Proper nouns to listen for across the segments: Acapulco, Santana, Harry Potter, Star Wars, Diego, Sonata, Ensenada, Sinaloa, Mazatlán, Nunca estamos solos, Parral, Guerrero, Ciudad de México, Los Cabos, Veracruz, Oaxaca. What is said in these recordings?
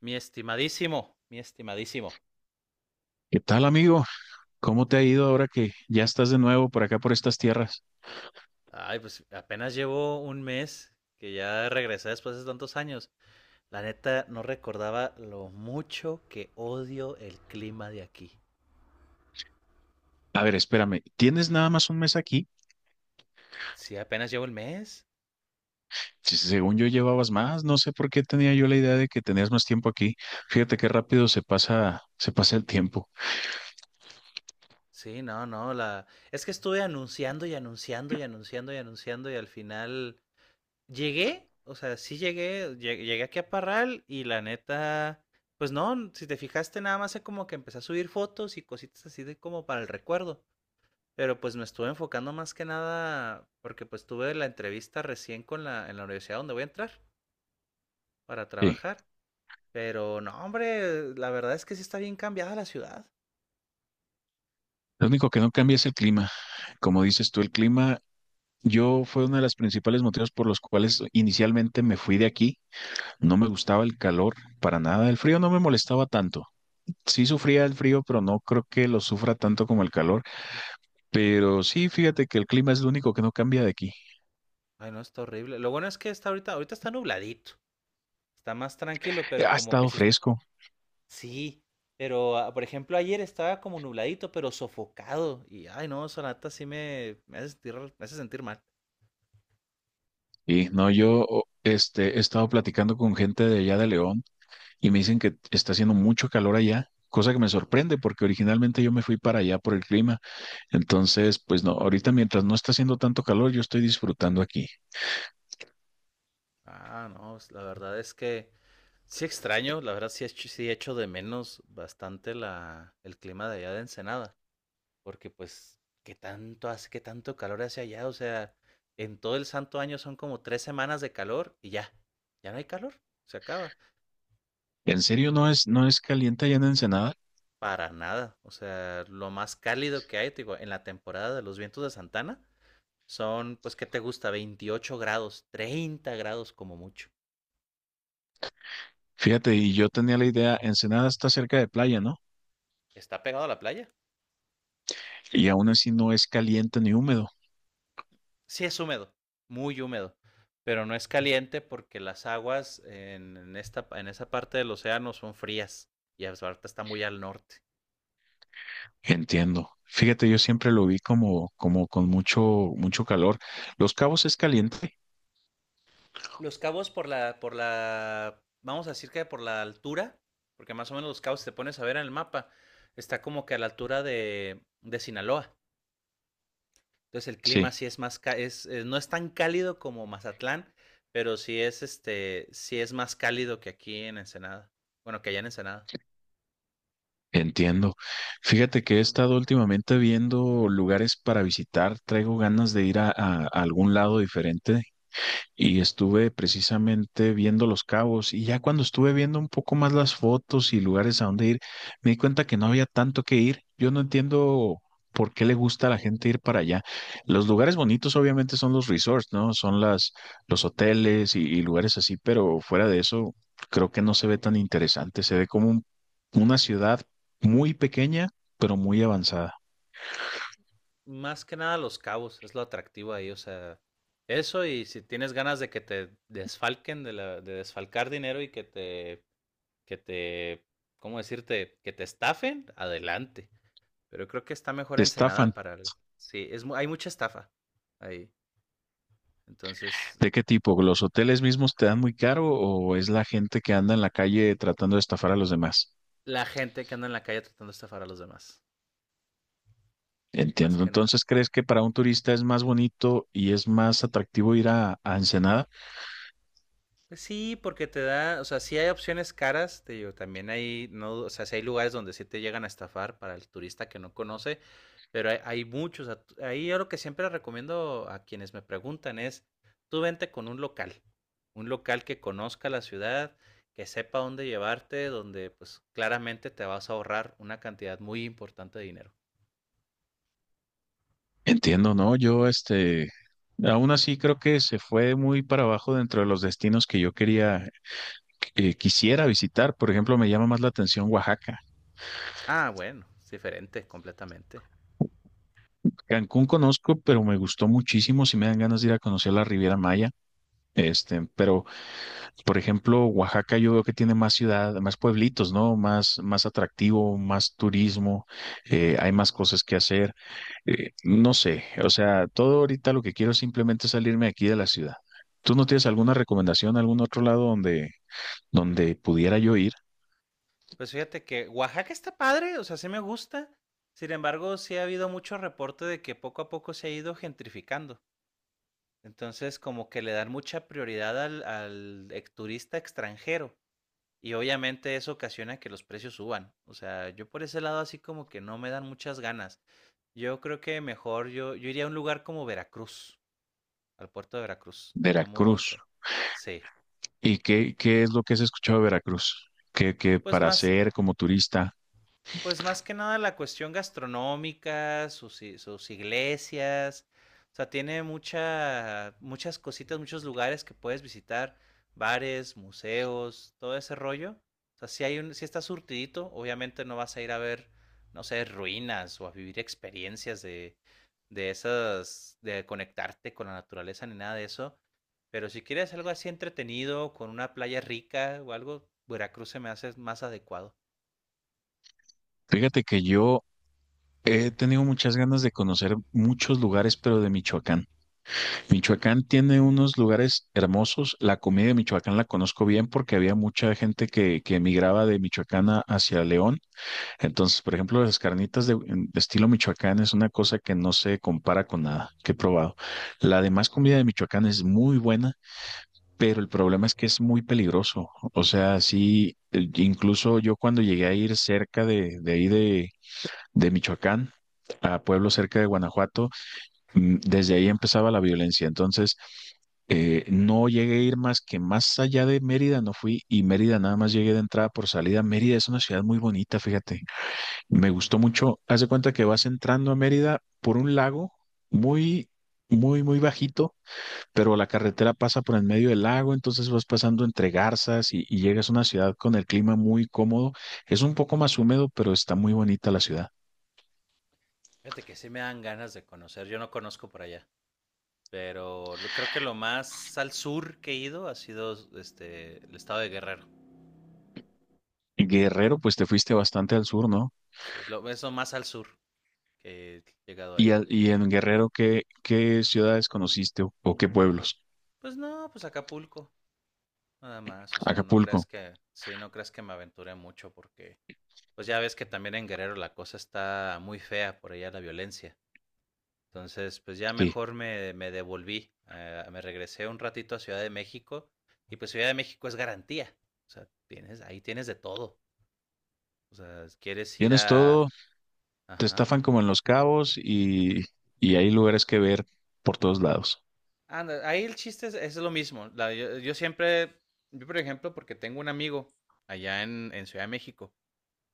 Mi estimadísimo, mi estimadísimo. ¿Qué tal, amigo? ¿Cómo te ha ido ahora que ya estás de nuevo por acá, por estas tierras? Ay, pues apenas llevo un mes que ya regresé después de tantos años. La neta no recordaba lo mucho que odio el clima de aquí. A ver, espérame, ¿tienes nada más un mes aquí? Sí, apenas llevo el mes. Si según yo llevabas más, no sé por qué tenía yo la idea de que tenías más tiempo aquí. Fíjate qué rápido se pasa el tiempo. Sí, no, no, la es que estuve anunciando y anunciando y anunciando y anunciando y al final llegué, o sea, sí llegué, llegué aquí a Parral y la neta pues no, si te fijaste nada más es como que empecé a subir fotos y cositas así de como para el recuerdo. Pero, pues, me estuve enfocando más que nada porque, pues, tuve la entrevista recién con la en la universidad donde voy a entrar para Sí, trabajar. Pero no, hombre, la verdad es que sí está bien cambiada la ciudad. lo único que no cambia es el clima. Como dices tú, el clima, yo fue uno de los principales motivos por los cuales inicialmente me fui de aquí. No me gustaba el calor para nada, el frío no me molestaba tanto. Sí sufría el frío, pero no creo que lo sufra tanto como el calor. Pero sí, fíjate que el clima es lo único que no cambia de aquí. Ay, no, está horrible. Lo bueno es que está ahorita está nubladito. Está más tranquilo, Eh, pero Ha como que estado sí, fresco sí. Pero, ah, por ejemplo, ayer estaba como nubladito, pero sofocado. Y, ay, no, Sonata me hace sentir mal. y no, yo he estado platicando con gente de allá de León y me dicen que está haciendo mucho calor allá, cosa que me sorprende porque originalmente yo me fui para allá por el clima. Entonces, pues no, ahorita mientras no está haciendo tanto calor, yo estoy disfrutando aquí. Ah, no, pues, la verdad es que sí extraño, la verdad sí, sí echo de menos bastante el clima de allá de Ensenada, porque pues, qué tanto calor hace allá? O sea, en todo el santo año son como tres semanas de calor y ya, ya no hay calor, se acaba, ¿En serio no es caliente allá en Ensenada? para nada, o sea, lo más cálido que hay, te digo, en la temporada de los vientos de Santana son, pues, ¿qué te gusta? 28 grados, 30 grados como mucho. Fíjate, y yo tenía la idea, Ensenada está cerca de playa, ¿no? Está pegado a la playa, Y aún así no es caliente ni húmedo. sí es húmedo, muy húmedo, pero no es caliente porque las aguas en esta, en esa parte del océano son frías y ahorita está muy al norte. Entiendo. Fíjate, yo siempre lo vi como con mucho, mucho calor. Los Cabos es caliente. Los Cabos vamos a decir que por la altura, porque más o menos los Cabos, si te pones a ver en el mapa, está como que a la altura de Sinaloa. Entonces el clima Sí, sí es más, no es tan cálido como Mazatlán, pero sí es, este, sí es más cálido que aquí en Ensenada. Bueno, que allá en Ensenada. entiendo. Fíjate que he estado últimamente viendo lugares para visitar. Traigo ganas de ir a algún lado diferente. Y estuve precisamente viendo Los Cabos y ya cuando estuve viendo un poco más las fotos y lugares a donde ir, me di cuenta que no había tanto que ir. Yo no entiendo por qué le gusta a la gente ir para allá. Los lugares bonitos obviamente son los resorts, ¿no? Son las, los hoteles y lugares así, pero fuera de eso creo que no se ve tan interesante. Se ve como una ciudad muy pequeña, pero muy avanzada. Más que nada Los Cabos, es lo atractivo ahí, o sea, eso y si tienes ganas de que te desfalquen, de desfalcar dinero y que que te, ¿cómo decirte? Que te estafen, adelante. Pero creo que está mejor Está Ensenada para... Sí, hay mucha estafa ahí. Entonces, ¿de qué tipo? ¿Los hoteles mismos te dan muy caro o es la gente que anda en la calle tratando de estafar a los demás? la gente que anda en la calle tratando de estafar a los demás, más Entiendo. que nada. Entonces, ¿crees que para un turista es más bonito y es más atractivo ir a Ensenada? Pues sí, porque te da, o sea, sí hay opciones caras, te digo, también hay, no, o sea, sí hay lugares donde sí te llegan a estafar para el turista que no conoce, pero hay muchos. Ahí yo lo que siempre recomiendo a quienes me preguntan es, tú vente con un local que conozca la ciudad, que sepa dónde llevarte, donde pues claramente te vas a ahorrar una cantidad muy importante de dinero. Entiendo, ¿no? Aún así creo que se fue muy para abajo dentro de los destinos que yo quería, que quisiera visitar. Por ejemplo, me llama más la atención Oaxaca. Ah, bueno, es diferente completamente. Cancún conozco, pero me gustó muchísimo. Si me dan ganas de ir a conocer la Riviera Maya. Pero, por ejemplo, Oaxaca yo veo que tiene más ciudad, más pueblitos, ¿no? Más, más atractivo, más turismo, hay más cosas que hacer. No sé, o sea, todo ahorita lo que quiero es simplemente salirme aquí de la ciudad. ¿Tú no tienes alguna recomendación, algún otro lado donde, donde pudiera yo ir? Pues fíjate que Oaxaca está padre, o sea, sí me gusta. Sin embargo, sí ha habido mucho reporte de que poco a poco se ha ido gentrificando. Entonces, como que le dan mucha prioridad turista extranjero. Y obviamente eso ocasiona que los precios suban. O sea, yo por ese lado así como que no me dan muchas ganas. Yo creo que mejor yo iría a un lugar como Veracruz, al puerto de Veracruz. Sería muy... o Veracruz. sea, sí. ¿Y qué es lo que has escuchado de Veracruz? Que Pues para más, hacer como turista, Pues más que nada la cuestión gastronómica, sus iglesias, o sea, tiene muchas cositas, muchos lugares que puedes visitar, bares, museos, todo ese rollo. O sea, si hay un, si está surtidito, obviamente no vas a ir a ver, no sé, ruinas o a vivir experiencias de esas, de conectarte con la naturaleza ni nada de eso. Pero si quieres algo así entretenido, con una playa rica o algo, Veracruz se me hace más adecuado. fíjate que yo he tenido muchas ganas de conocer muchos lugares, pero de Michoacán. Michoacán tiene unos lugares hermosos. La comida de Michoacán la conozco bien porque había mucha gente que emigraba de Michoacán hacia León. Entonces, por ejemplo, las carnitas de estilo Michoacán es una cosa que no se compara con nada que he probado. La demás comida de Michoacán es muy buena, pero el problema es que es muy peligroso. O sea, sí, incluso yo cuando llegué a ir cerca de ahí de Michoacán, a pueblos cerca de Guanajuato, desde ahí empezaba la violencia. Entonces, no llegué a ir más que más allá de Mérida, no fui y Mérida nada más llegué de entrada por salida. Mérida es una ciudad muy bonita, fíjate. Me gustó mucho. Haz de cuenta que vas entrando a Mérida por un lago muy, muy, muy bajito, pero la carretera pasa por en medio del lago, entonces vas pasando entre garzas y llegas a una ciudad con el clima muy cómodo. Es un poco más húmedo, pero está muy bonita la ciudad. Fíjate que sí me dan ganas de conocer. Yo no conozco por allá, pero creo que lo más al sur que he ido ha sido este el estado de Guerrero. Guerrero, pues te fuiste bastante al sur, ¿no? Sí, es lo más al sur que he llegado a Y, ir. Y en Guerrero, qué ciudades conociste o qué pueblos? Pues no, pues Acapulco, nada más. O sea, no Acapulco, creas que, sí, no creas que me aventuré mucho porque, pues ya ves que también en Guerrero la cosa está muy fea por allá la violencia. Entonces, pues ya sí. mejor me devolví, me regresé un ratito a Ciudad de México y pues Ciudad de México es garantía. O sea, tienes, ahí tienes de todo. O sea, quieres ir Tienes a... todo, te Ajá. estafan como en Los Cabos y hay lugares que ver por todos lados. Anda, ahí el chiste es lo mismo. Yo siempre, yo por ejemplo, porque tengo un amigo allá en Ciudad de México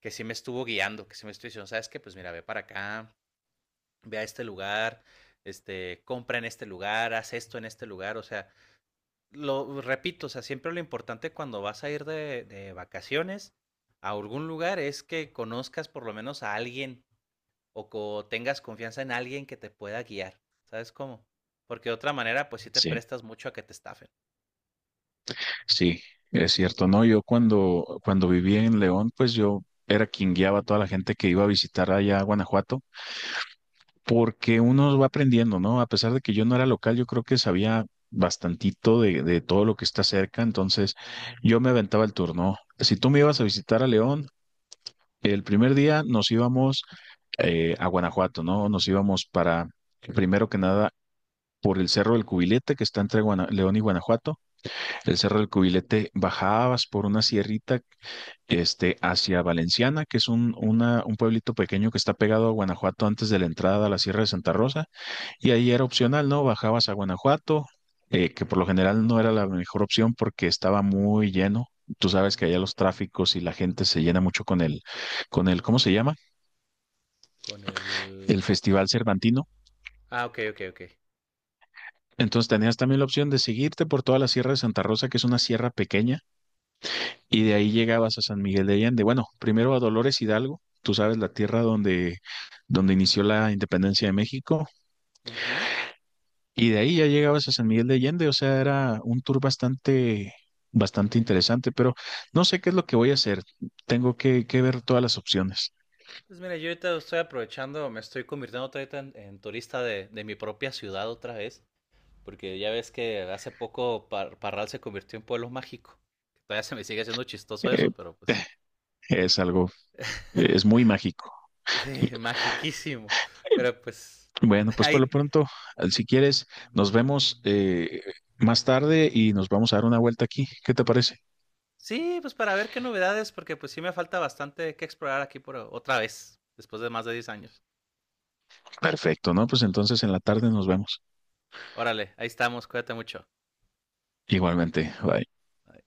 que sí me estuvo guiando, que sí me estuvo diciendo, ¿sabes qué? Pues mira, ve para acá, ve a este lugar, este, compra en este lugar, haz esto en este lugar. O sea, lo repito, o sea, siempre lo importante cuando vas a ir de vacaciones a algún lugar es que conozcas por lo menos a alguien tengas confianza en alguien que te pueda guiar. ¿Sabes cómo? Porque de otra manera, pues sí te Sí, prestas mucho a que te estafen. sí, es cierto. No, yo cuando viví en León, pues yo era quien guiaba a toda la gente que iba a visitar allá a Guanajuato, porque uno va aprendiendo, ¿no? A pesar de que yo no era local, yo creo que sabía bastantito de todo lo que está cerca, entonces yo me aventaba el turno. Si tú me ibas a visitar a León, el primer día nos íbamos a Guanajuato, ¿no? Nos íbamos para, primero que nada, por el Cerro del Cubilete, que está entre León y Guanajuato. El Cerro del Cubilete bajabas por una sierrita, hacia Valenciana, que es un pueblito pequeño que está pegado a Guanajuato antes de la entrada a la Sierra de Santa Rosa. Y ahí era opcional, ¿no? Bajabas a Guanajuato, que por lo general no era la mejor opción porque estaba muy lleno. Tú sabes que allá los tráficos y la gente se llena mucho con el, ¿cómo se llama? Con El el... Festival Cervantino. Ah, ok, ok, ok. Entonces tenías también la opción de seguirte por toda la Sierra de Santa Rosa, que es una sierra pequeña, y Mm, de ahí llegabas a San Miguel de Allende. Bueno, primero a Dolores Hidalgo, tú sabes, la tierra donde, donde inició la independencia de México, ujú. y de ahí ya llegabas a San Miguel de Allende, o sea, era un tour bastante, bastante interesante, pero no sé qué es lo que voy a hacer, tengo que ver todas las opciones. Pues mira, yo ahorita estoy aprovechando, me estoy convirtiendo otra vez en turista de mi propia ciudad otra vez. Porque ya ves que hace poco Parral se convirtió en pueblo mágico. Todavía se me sigue haciendo chistoso Eh, eso, pero pues. es algo, es muy mágico. Sí, magiquísimo. Pero pues. Bueno, pues por lo Ahí. pronto, si quieres, nos vemos más tarde y nos vamos a dar una vuelta aquí. ¿Qué te parece? Sí, pues para ver qué novedades, porque pues sí me falta bastante que explorar aquí por otra vez, después de más de 10 años. Perfecto, ¿no? Pues entonces en la tarde nos vemos. Órale, ahí estamos, cuídate mucho. Igualmente, bye. Bye.